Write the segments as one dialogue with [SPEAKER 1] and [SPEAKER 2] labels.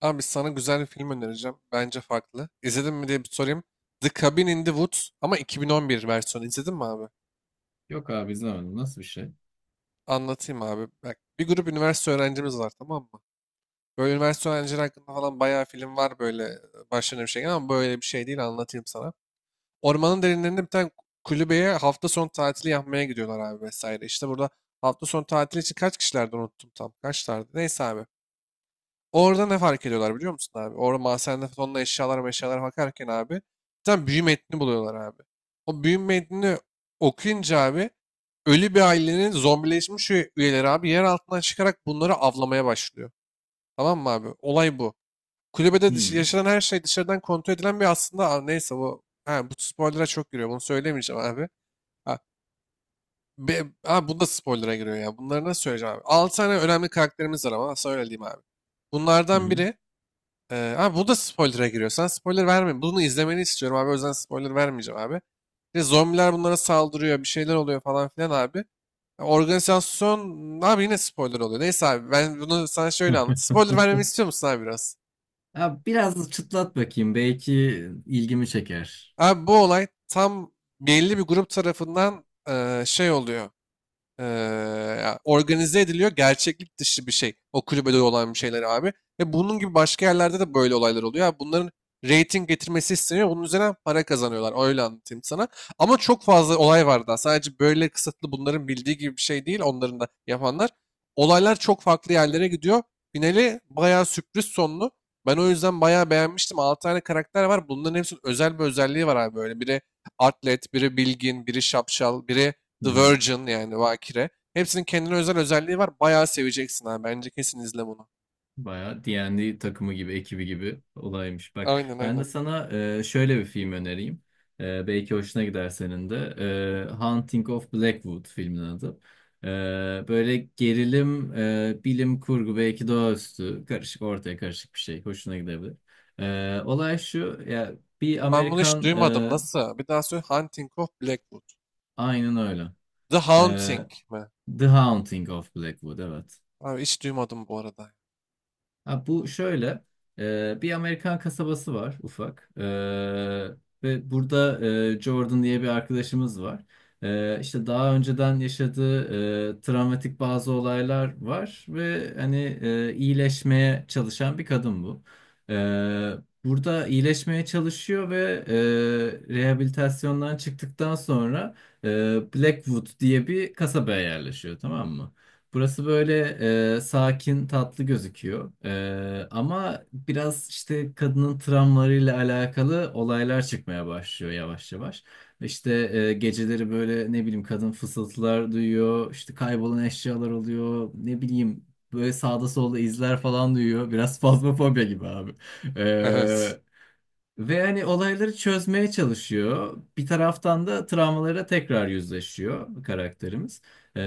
[SPEAKER 1] Abi sana güzel bir film önereceğim. Bence farklı. İzledin mi diye bir sorayım. The Cabin in the Woods ama 2011 versiyonu. İzledin mi abi?
[SPEAKER 2] Yok abi izlemedim. Nasıl bir şey?
[SPEAKER 1] Anlatayım abi. Bak, bir grup üniversite öğrencimiz var, tamam mı? Böyle üniversite öğrencileri hakkında falan bayağı film var böyle, başlarına bir şey gelen, ama böyle bir şey değil, anlatayım sana. Ormanın derinlerinde bir tane kulübeye hafta sonu tatili yapmaya gidiyorlar abi, vesaire. İşte burada hafta sonu tatili için kaç kişilerdi unuttum tam. Kaçlardı? Neyse abi. Orada ne fark ediyorlar biliyor musun abi? Orada mahzende tonla eşyalar eşyalar bakarken abi tam tane büyü metnini buluyorlar abi. O büyü metnini okuyunca abi ölü bir ailenin zombileşmiş üyeleri abi yer altından çıkarak bunları avlamaya başlıyor. Tamam mı abi? Olay bu. Kulübede
[SPEAKER 2] Hmm.
[SPEAKER 1] yaşanan her şey dışarıdan kontrol edilen bir aslında. Neyse, bu bu spoiler'a çok giriyor. Bunu söylemeyeceğim abi. Ha, Bu da spoiler'a giriyor ya. Bunları nasıl söyleyeceğim abi? 6 tane önemli karakterimiz var, ama söyleyeyim abi.
[SPEAKER 2] Hı
[SPEAKER 1] Bunlardan
[SPEAKER 2] hı.
[SPEAKER 1] biri abi, bu da spoiler'a giriyor. Sen spoiler verme. Bunu izlemeni istiyorum abi. O yüzden spoiler vermeyeceğim abi. İşte zombiler bunlara saldırıyor. Bir şeyler oluyor falan filan abi. Ya organizasyon abi, yine spoiler oluyor. Neyse abi, ben bunu sana şöyle anlat. Spoiler vermemi istiyor musun abi biraz?
[SPEAKER 2] Ya biraz çıtlat bakayım. Belki ilgimi çeker.
[SPEAKER 1] Abi bu olay tam belli bir grup tarafından şey oluyor. Eee, Ya organize ediliyor. Gerçeklik dışı bir şey. O kulübede olan bir şeyler abi. Ve bunun gibi başka yerlerde de böyle olaylar oluyor. Yani bunların rating getirmesi isteniyor. Bunun üzerine para kazanıyorlar. Öyle anlatayım sana. Ama çok fazla olay var daha. Sadece böyle kısıtlı, bunların bildiği gibi bir şey değil. Onların da yapanlar. Olaylar çok farklı yerlere gidiyor. Finali bayağı sürpriz sonlu. Ben o yüzden bayağı beğenmiştim. 6 tane karakter var. Bunların hepsinin özel bir özelliği var abi böyle. Biri atlet, biri bilgin, biri şapşal, biri
[SPEAKER 2] Hı
[SPEAKER 1] The
[SPEAKER 2] hı.
[SPEAKER 1] Virgin, yani Bakire. Hepsinin kendine özel özelliği var. Bayağı seveceksin abi. Bence kesin izle bunu.
[SPEAKER 2] Bayağı D&D takımı gibi, ekibi gibi olaymış. Bak
[SPEAKER 1] Aynen,
[SPEAKER 2] ben de
[SPEAKER 1] aynen.
[SPEAKER 2] sana şöyle bir film önereyim. Belki hoşuna gider senin de. Haunting of Blackwood filmin adı. E, Böyle gerilim, bilim kurgu, belki doğaüstü, karışık, ortaya karışık bir şey. Hoşuna gidebilir. Olay şu, ya bir
[SPEAKER 1] Ben bunu hiç
[SPEAKER 2] Amerikan,
[SPEAKER 1] duymadım.
[SPEAKER 2] e,
[SPEAKER 1] Nasıl? Bir daha söyle. Hunting of Blackwood.
[SPEAKER 2] aynen öyle.
[SPEAKER 1] The Haunting
[SPEAKER 2] Ee,
[SPEAKER 1] mi?
[SPEAKER 2] The Haunting of Blackwood evet.
[SPEAKER 1] Abi, hiç duymadım bu arada.
[SPEAKER 2] Ha, bu şöyle bir Amerikan kasabası var ufak. Ve burada Jordan diye bir arkadaşımız var. İşte daha önceden yaşadığı travmatik bazı olaylar var ve hani iyileşmeye çalışan bir kadın bu. Ee, Burada iyileşmeye çalışıyor ve rehabilitasyondan çıktıktan sonra e, Blackwood diye bir kasabaya yerleşiyor, tamam mı? Burası böyle sakin, tatlı gözüküyor. Ama biraz işte kadının travmalarıyla alakalı olaylar çıkmaya başlıyor yavaş yavaş. İşte geceleri böyle ne bileyim kadın fısıltılar duyuyor, işte kaybolan eşyalar oluyor, ne bileyim böyle sağda solda izler falan duyuyor. Biraz fazmafobya gibi abi.
[SPEAKER 1] Evet.
[SPEAKER 2] E, Ve hani olayları çözmeye çalışıyor. Bir taraftan da travmalara tekrar yüzleşiyor karakterimiz. Ee,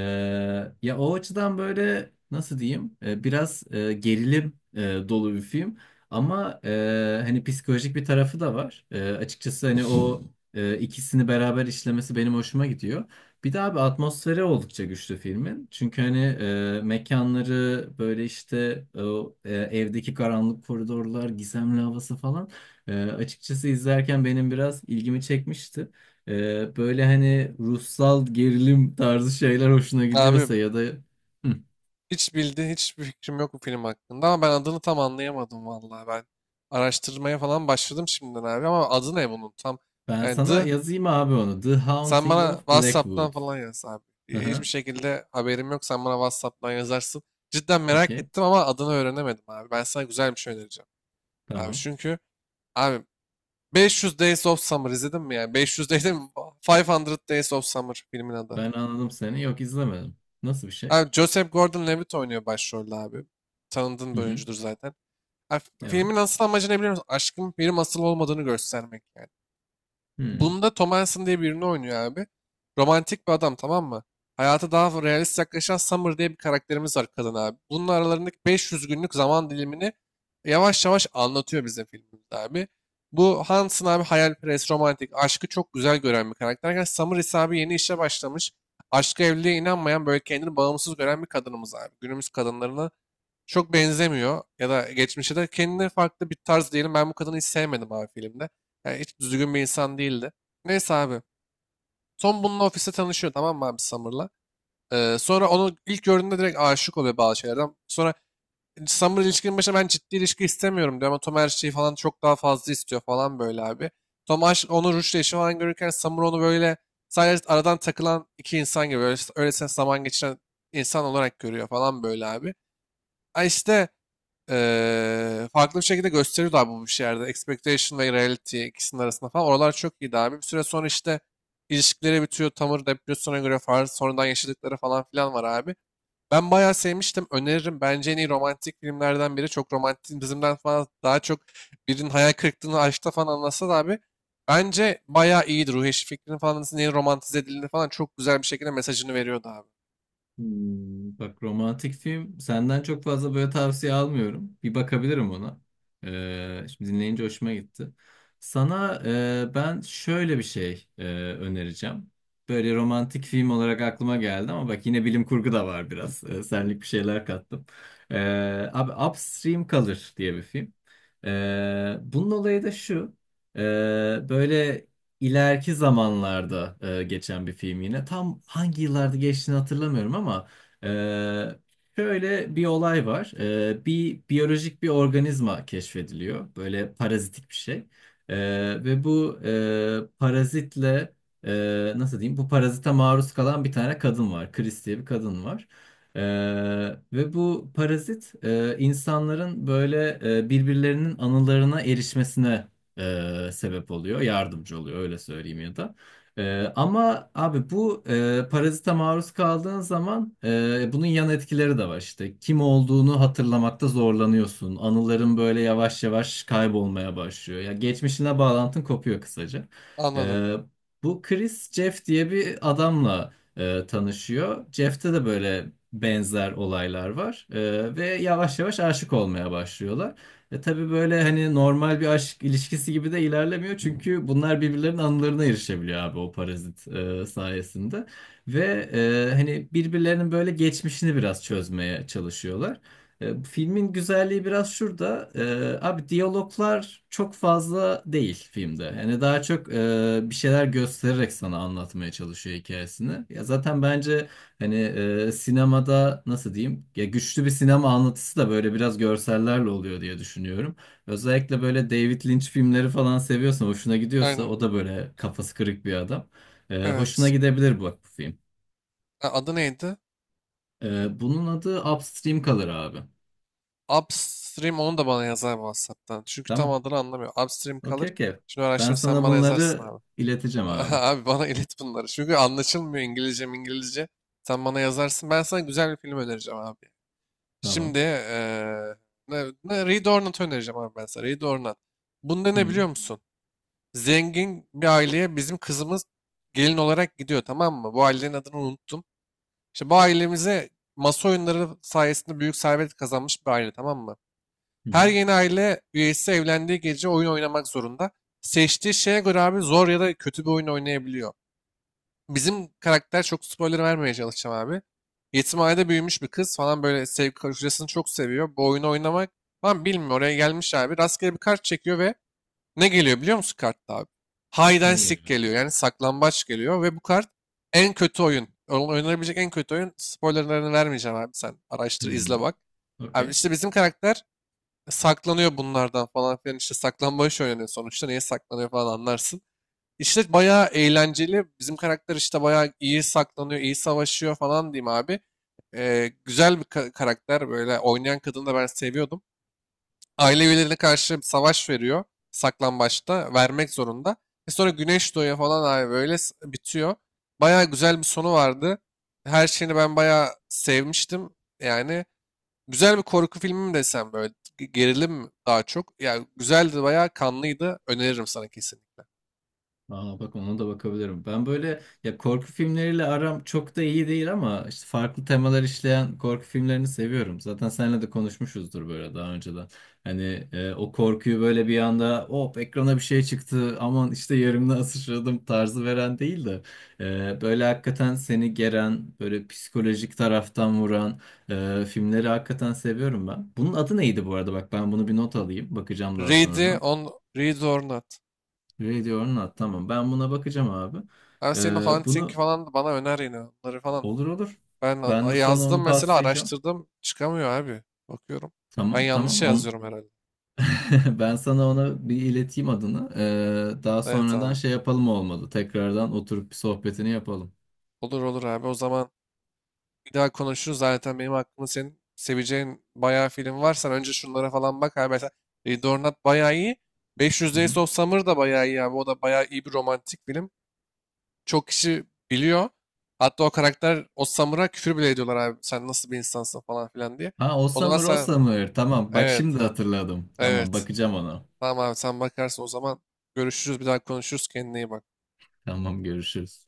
[SPEAKER 2] Ya o açıdan böyle nasıl diyeyim? Biraz gerilim dolu bir film. Ama hani psikolojik bir tarafı da var. Açıkçası hani o ikisini beraber işlemesi benim hoşuma gidiyor. Bir de abi atmosferi oldukça güçlü filmin. Çünkü hani mekanları böyle işte o, evdeki karanlık koridorlar, gizemli havası falan. Açıkçası izlerken benim biraz ilgimi çekmişti. Böyle hani ruhsal gerilim tarzı şeyler hoşuna
[SPEAKER 1] Abi,
[SPEAKER 2] gidiyorsa ya da Hı.
[SPEAKER 1] hiç bildiğin hiçbir fikrim yok bu film hakkında, ama ben adını tam anlayamadım vallahi ben. Araştırmaya falan başladım şimdiden abi, ama adı ne bunun tam?
[SPEAKER 2] Ben
[SPEAKER 1] Yani,
[SPEAKER 2] sana
[SPEAKER 1] The...
[SPEAKER 2] yazayım abi onu. The
[SPEAKER 1] Sen
[SPEAKER 2] Haunting
[SPEAKER 1] bana
[SPEAKER 2] of
[SPEAKER 1] WhatsApp'tan
[SPEAKER 2] Blackwood.
[SPEAKER 1] falan yaz abi.
[SPEAKER 2] Hı
[SPEAKER 1] Hiçbir
[SPEAKER 2] hı.
[SPEAKER 1] şekilde haberim yok. Sen bana WhatsApp'tan yazarsın. Cidden merak
[SPEAKER 2] Okey.
[SPEAKER 1] ettim ama adını öğrenemedim abi. Ben sana güzel bir şey önereceğim. Abi
[SPEAKER 2] Tamam.
[SPEAKER 1] çünkü abi, 500 Days of Summer izledin mi ya? 500 değil de, 500 Days of Summer filmin adı.
[SPEAKER 2] Ben anladım seni. Yok izlemedim. Nasıl bir şey?
[SPEAKER 1] Abi, Joseph Gordon-Levitt oynuyor başrolde abi. Tanıdığın
[SPEAKER 2] Hı
[SPEAKER 1] bir
[SPEAKER 2] hı.
[SPEAKER 1] oyuncudur zaten. Abi,
[SPEAKER 2] Evet.
[SPEAKER 1] filmin asıl amacı ne biliyor musun? Aşkın film asıl olmadığını göstermek yani.
[SPEAKER 2] Hı.
[SPEAKER 1] Bunda Tom Hansen diye birini oynuyor abi. Romantik bir adam, tamam mı? Hayata daha realist yaklaşan Summer diye bir karakterimiz var kadın abi. Bunun aralarındaki 500 günlük zaman dilimini yavaş yavaş anlatıyor bize filmimizde abi. Bu Hansen abi hayalperest, romantik, aşkı çok güzel gören bir karakterken, Summer ise abi yeni işe başlamış. Aşka, evliliğe inanmayan, böyle kendini bağımsız gören bir kadınımız abi. Günümüz kadınlarını çok benzemiyor, ya da geçmişe de kendine farklı bir tarz diyelim. Ben bu kadını hiç sevmedim abi filmde. Yani hiç düzgün bir insan değildi. Neyse abi. Tom bununla ofiste tanışıyor, tamam mı abi, Summer'la? Sonra onu ilk gördüğünde direkt aşık oluyor bazı şeylerden. Sonra Summer ilişkinin başında ben ciddi ilişki istemiyorum diyor, ama Tom her şeyi falan çok daha fazla istiyor falan böyle abi. Tom aşk, onu Rush'la işi falan görürken, Summer onu böyle sadece aradan takılan iki insan gibi, öyle, öylesine zaman geçiren insan olarak görüyor falan böyle abi. Ha işte, farklı bir şekilde gösteriyordu abi bu bir şeylerde. Expectation ve reality, ikisinin arasında falan. Oralar çok iyiydi abi. Bir süre sonra işte ilişkileri bitiyor. Tamır depresyona göre farz sonradan yaşadıkları falan filan var abi. Ben bayağı sevmiştim. Öneririm. Bence en iyi romantik filmlerden biri. Çok romantik bizimden falan, daha çok birinin hayal kırıklığını aşkta falan anlatsa da abi. Bence bayağı iyiydi. Ruhi Eşref Fikri'nin falan nasıl neyin romantize edildiğini falan çok güzel bir şekilde mesajını veriyordu abi.
[SPEAKER 2] Bak romantik film senden çok fazla böyle tavsiye almıyorum. Bir bakabilirim ona. Şimdi dinleyince hoşuma gitti. Sana ben şöyle bir şey önereceğim. Böyle romantik film olarak aklıma geldi ama bak yine bilim kurgu da var biraz. Senlik bir şeyler kattım. Abi Upstream Color diye bir film. Bunun olayı da şu. Ee, Böyle ileriki zamanlarda geçen bir film yine. Tam hangi yıllarda geçtiğini hatırlamıyorum ama e, şöyle bir olay var. Bir biyolojik bir organizma keşfediliyor. Böyle parazitik bir şey. E, Ve bu parazitle nasıl diyeyim? Bu parazite maruz kalan bir tane kadın var. Chris diye bir kadın var. E, Ve bu parazit insanların böyle birbirlerinin anılarına erişmesine sebep oluyor, yardımcı oluyor öyle söyleyeyim ya da. Ama abi bu parazite maruz kaldığın zaman bunun yan etkileri de var işte. Kim olduğunu hatırlamakta zorlanıyorsun. Anıların böyle yavaş yavaş kaybolmaya başlıyor. Ya geçmişine bağlantın kopuyor kısaca.
[SPEAKER 1] Anladım.
[SPEAKER 2] E, Bu Chris Jeff diye bir adamla tanışıyor. Jeff'te de böyle benzer olaylar var. Ve yavaş yavaş aşık olmaya başlıyorlar. Tabii böyle hani normal bir aşk ilişkisi gibi de ilerlemiyor. Çünkü bunlar birbirlerinin anılarına erişebiliyor abi o parazit sayesinde. Ve hani birbirlerinin böyle geçmişini biraz çözmeye çalışıyorlar. Filmin güzelliği biraz şurada. Abi diyaloglar çok fazla değil filmde. Yani daha çok bir şeyler göstererek sana anlatmaya çalışıyor hikayesini. Ya zaten bence hani sinemada nasıl diyeyim? Ya güçlü bir sinema anlatısı da böyle biraz görsellerle oluyor diye düşünüyorum. Özellikle böyle David Lynch filmleri falan seviyorsan, hoşuna gidiyorsa
[SPEAKER 1] Aynen.
[SPEAKER 2] o da böyle kafası kırık bir adam. Hoşuna
[SPEAKER 1] Evet.
[SPEAKER 2] gidebilir bak bu film.
[SPEAKER 1] Ha, adı neydi?
[SPEAKER 2] Bunun adı Upstream kalır abi.
[SPEAKER 1] Upstream, onu da bana yazar WhatsApp'tan. Çünkü tam
[SPEAKER 2] Tamam.
[SPEAKER 1] adını anlamıyor. Upstream kalır.
[SPEAKER 2] Okey okey.
[SPEAKER 1] Şimdi
[SPEAKER 2] Ben
[SPEAKER 1] araştırma, sen
[SPEAKER 2] sana
[SPEAKER 1] bana yazarsın
[SPEAKER 2] bunları
[SPEAKER 1] abi.
[SPEAKER 2] ileteceğim abi.
[SPEAKER 1] Abi bana ilet bunları. Çünkü anlaşılmıyor, İngilizce İngilizce. Sen bana yazarsın. Ben sana güzel bir film önereceğim abi. Şimdi
[SPEAKER 2] Tamam.
[SPEAKER 1] Reed Ornat'ı önereceğim abi ben sana. Reed Ornat. Bunda
[SPEAKER 2] Hı
[SPEAKER 1] ne
[SPEAKER 2] hı.
[SPEAKER 1] biliyor musun? Zengin bir aileye bizim kızımız gelin olarak gidiyor, tamam mı? Bu ailenin adını unuttum. İşte bu ailemize, masa oyunları sayesinde büyük servet kazanmış bir aile, tamam mı? Her
[SPEAKER 2] Hı.
[SPEAKER 1] yeni aile üyesi evlendiği gece oyun oynamak zorunda. Seçtiği şeye göre abi zor ya da kötü bir oyun oynayabiliyor. Bizim karakter, çok spoiler vermeye çalışacağım abi. Yetimhanede büyümüş bir kız falan böyle, sevgi, kocasını çok seviyor. Bu oyunu oynamak falan bilmiyor. Oraya gelmiş abi. Rastgele bir kart çekiyor ve ne geliyor biliyor musun kartta abi? Hide and
[SPEAKER 2] Ne
[SPEAKER 1] seek
[SPEAKER 2] geliyor?
[SPEAKER 1] geliyor. Yani saklambaç geliyor, ve bu kart en kötü oyun. Oynanabilecek en kötü oyun. Spoilerlarını vermeyeceğim abi, sen araştır
[SPEAKER 2] Hı.
[SPEAKER 1] izle bak. Abi
[SPEAKER 2] Okey.
[SPEAKER 1] işte bizim karakter saklanıyor bunlardan falan filan, işte saklambaç oynanıyor sonuçta, niye saklanıyor falan anlarsın. İşte bayağı eğlenceli, bizim karakter işte bayağı iyi saklanıyor, iyi savaşıyor falan diyeyim abi. Güzel bir karakter, böyle oynayan kadını da ben seviyordum. Aile üyelerine karşı savaş veriyor, saklambaçta vermek zorunda. E sonra güneş doğuyor falan abi, böyle bitiyor. Bayağı güzel bir sonu vardı. Her şeyini ben bayağı sevmiştim yani. Güzel bir korku filmi mi desem, böyle gerilim mi daha çok. Yani güzeldi, bayağı kanlıydı. Öneririm sana kesinlikle.
[SPEAKER 2] Aa, bak ona da bakabilirim. Ben böyle ya korku filmleriyle aram çok da iyi değil ama işte farklı temalar işleyen korku filmlerini seviyorum. Zaten seninle de konuşmuşuzdur böyle daha önceden. Hani o korkuyu böyle bir anda hop ekrana bir şey çıktı aman işte yerimden sıçradım tarzı veren değil de böyle hakikaten seni geren böyle psikolojik taraftan vuran filmleri hakikaten seviyorum ben. Bunun adı neydi bu arada? Bak ben bunu bir not alayım bakacağım daha
[SPEAKER 1] Ready
[SPEAKER 2] sonradan.
[SPEAKER 1] on Read or Not.
[SPEAKER 2] Radio or Not. Tamam. Ben buna bakacağım abi.
[SPEAKER 1] Ben senin o Hunting
[SPEAKER 2] Bunu
[SPEAKER 1] falan da bana öner, yine onları falan.
[SPEAKER 2] olur olur.
[SPEAKER 1] Ben
[SPEAKER 2] Ben de sana
[SPEAKER 1] yazdım
[SPEAKER 2] onu
[SPEAKER 1] mesela,
[SPEAKER 2] paslayacağım.
[SPEAKER 1] araştırdım çıkamıyor abi. Bakıyorum. Ben
[SPEAKER 2] Tamam
[SPEAKER 1] yanlış
[SPEAKER 2] tamam. On...
[SPEAKER 1] yazıyorum herhalde.
[SPEAKER 2] Ben sana ona bir ileteyim adını. Daha
[SPEAKER 1] Evet
[SPEAKER 2] sonradan
[SPEAKER 1] abi.
[SPEAKER 2] şey yapalım olmadı. Tekrardan oturup bir sohbetini yapalım.
[SPEAKER 1] Olur olur abi, o zaman bir daha konuşuruz. Zaten benim aklımda senin seveceğin bayağı film var. Sen önce şunlara falan bak abi. Mesela Ready or, bayağı iyi. 500
[SPEAKER 2] Hı
[SPEAKER 1] Days
[SPEAKER 2] hı.
[SPEAKER 1] of Summer da bayağı iyi abi. O da bayağı iyi bir romantik film. Çok kişi biliyor. Hatta o karakter, o Summer'a küfür bile ediyorlar abi. Sen nasıl bir insansın falan filan diye.
[SPEAKER 2] Ha, o
[SPEAKER 1] O zaman sen,
[SPEAKER 2] Summer. Tamam bak şimdi
[SPEAKER 1] evet, ha,
[SPEAKER 2] hatırladım. Tamam
[SPEAKER 1] evet.
[SPEAKER 2] bakacağım ona.
[SPEAKER 1] Tamam abi, sen bakarsın o zaman. Görüşürüz, bir daha konuşuruz, kendine iyi bak.
[SPEAKER 2] Tamam görüşürüz.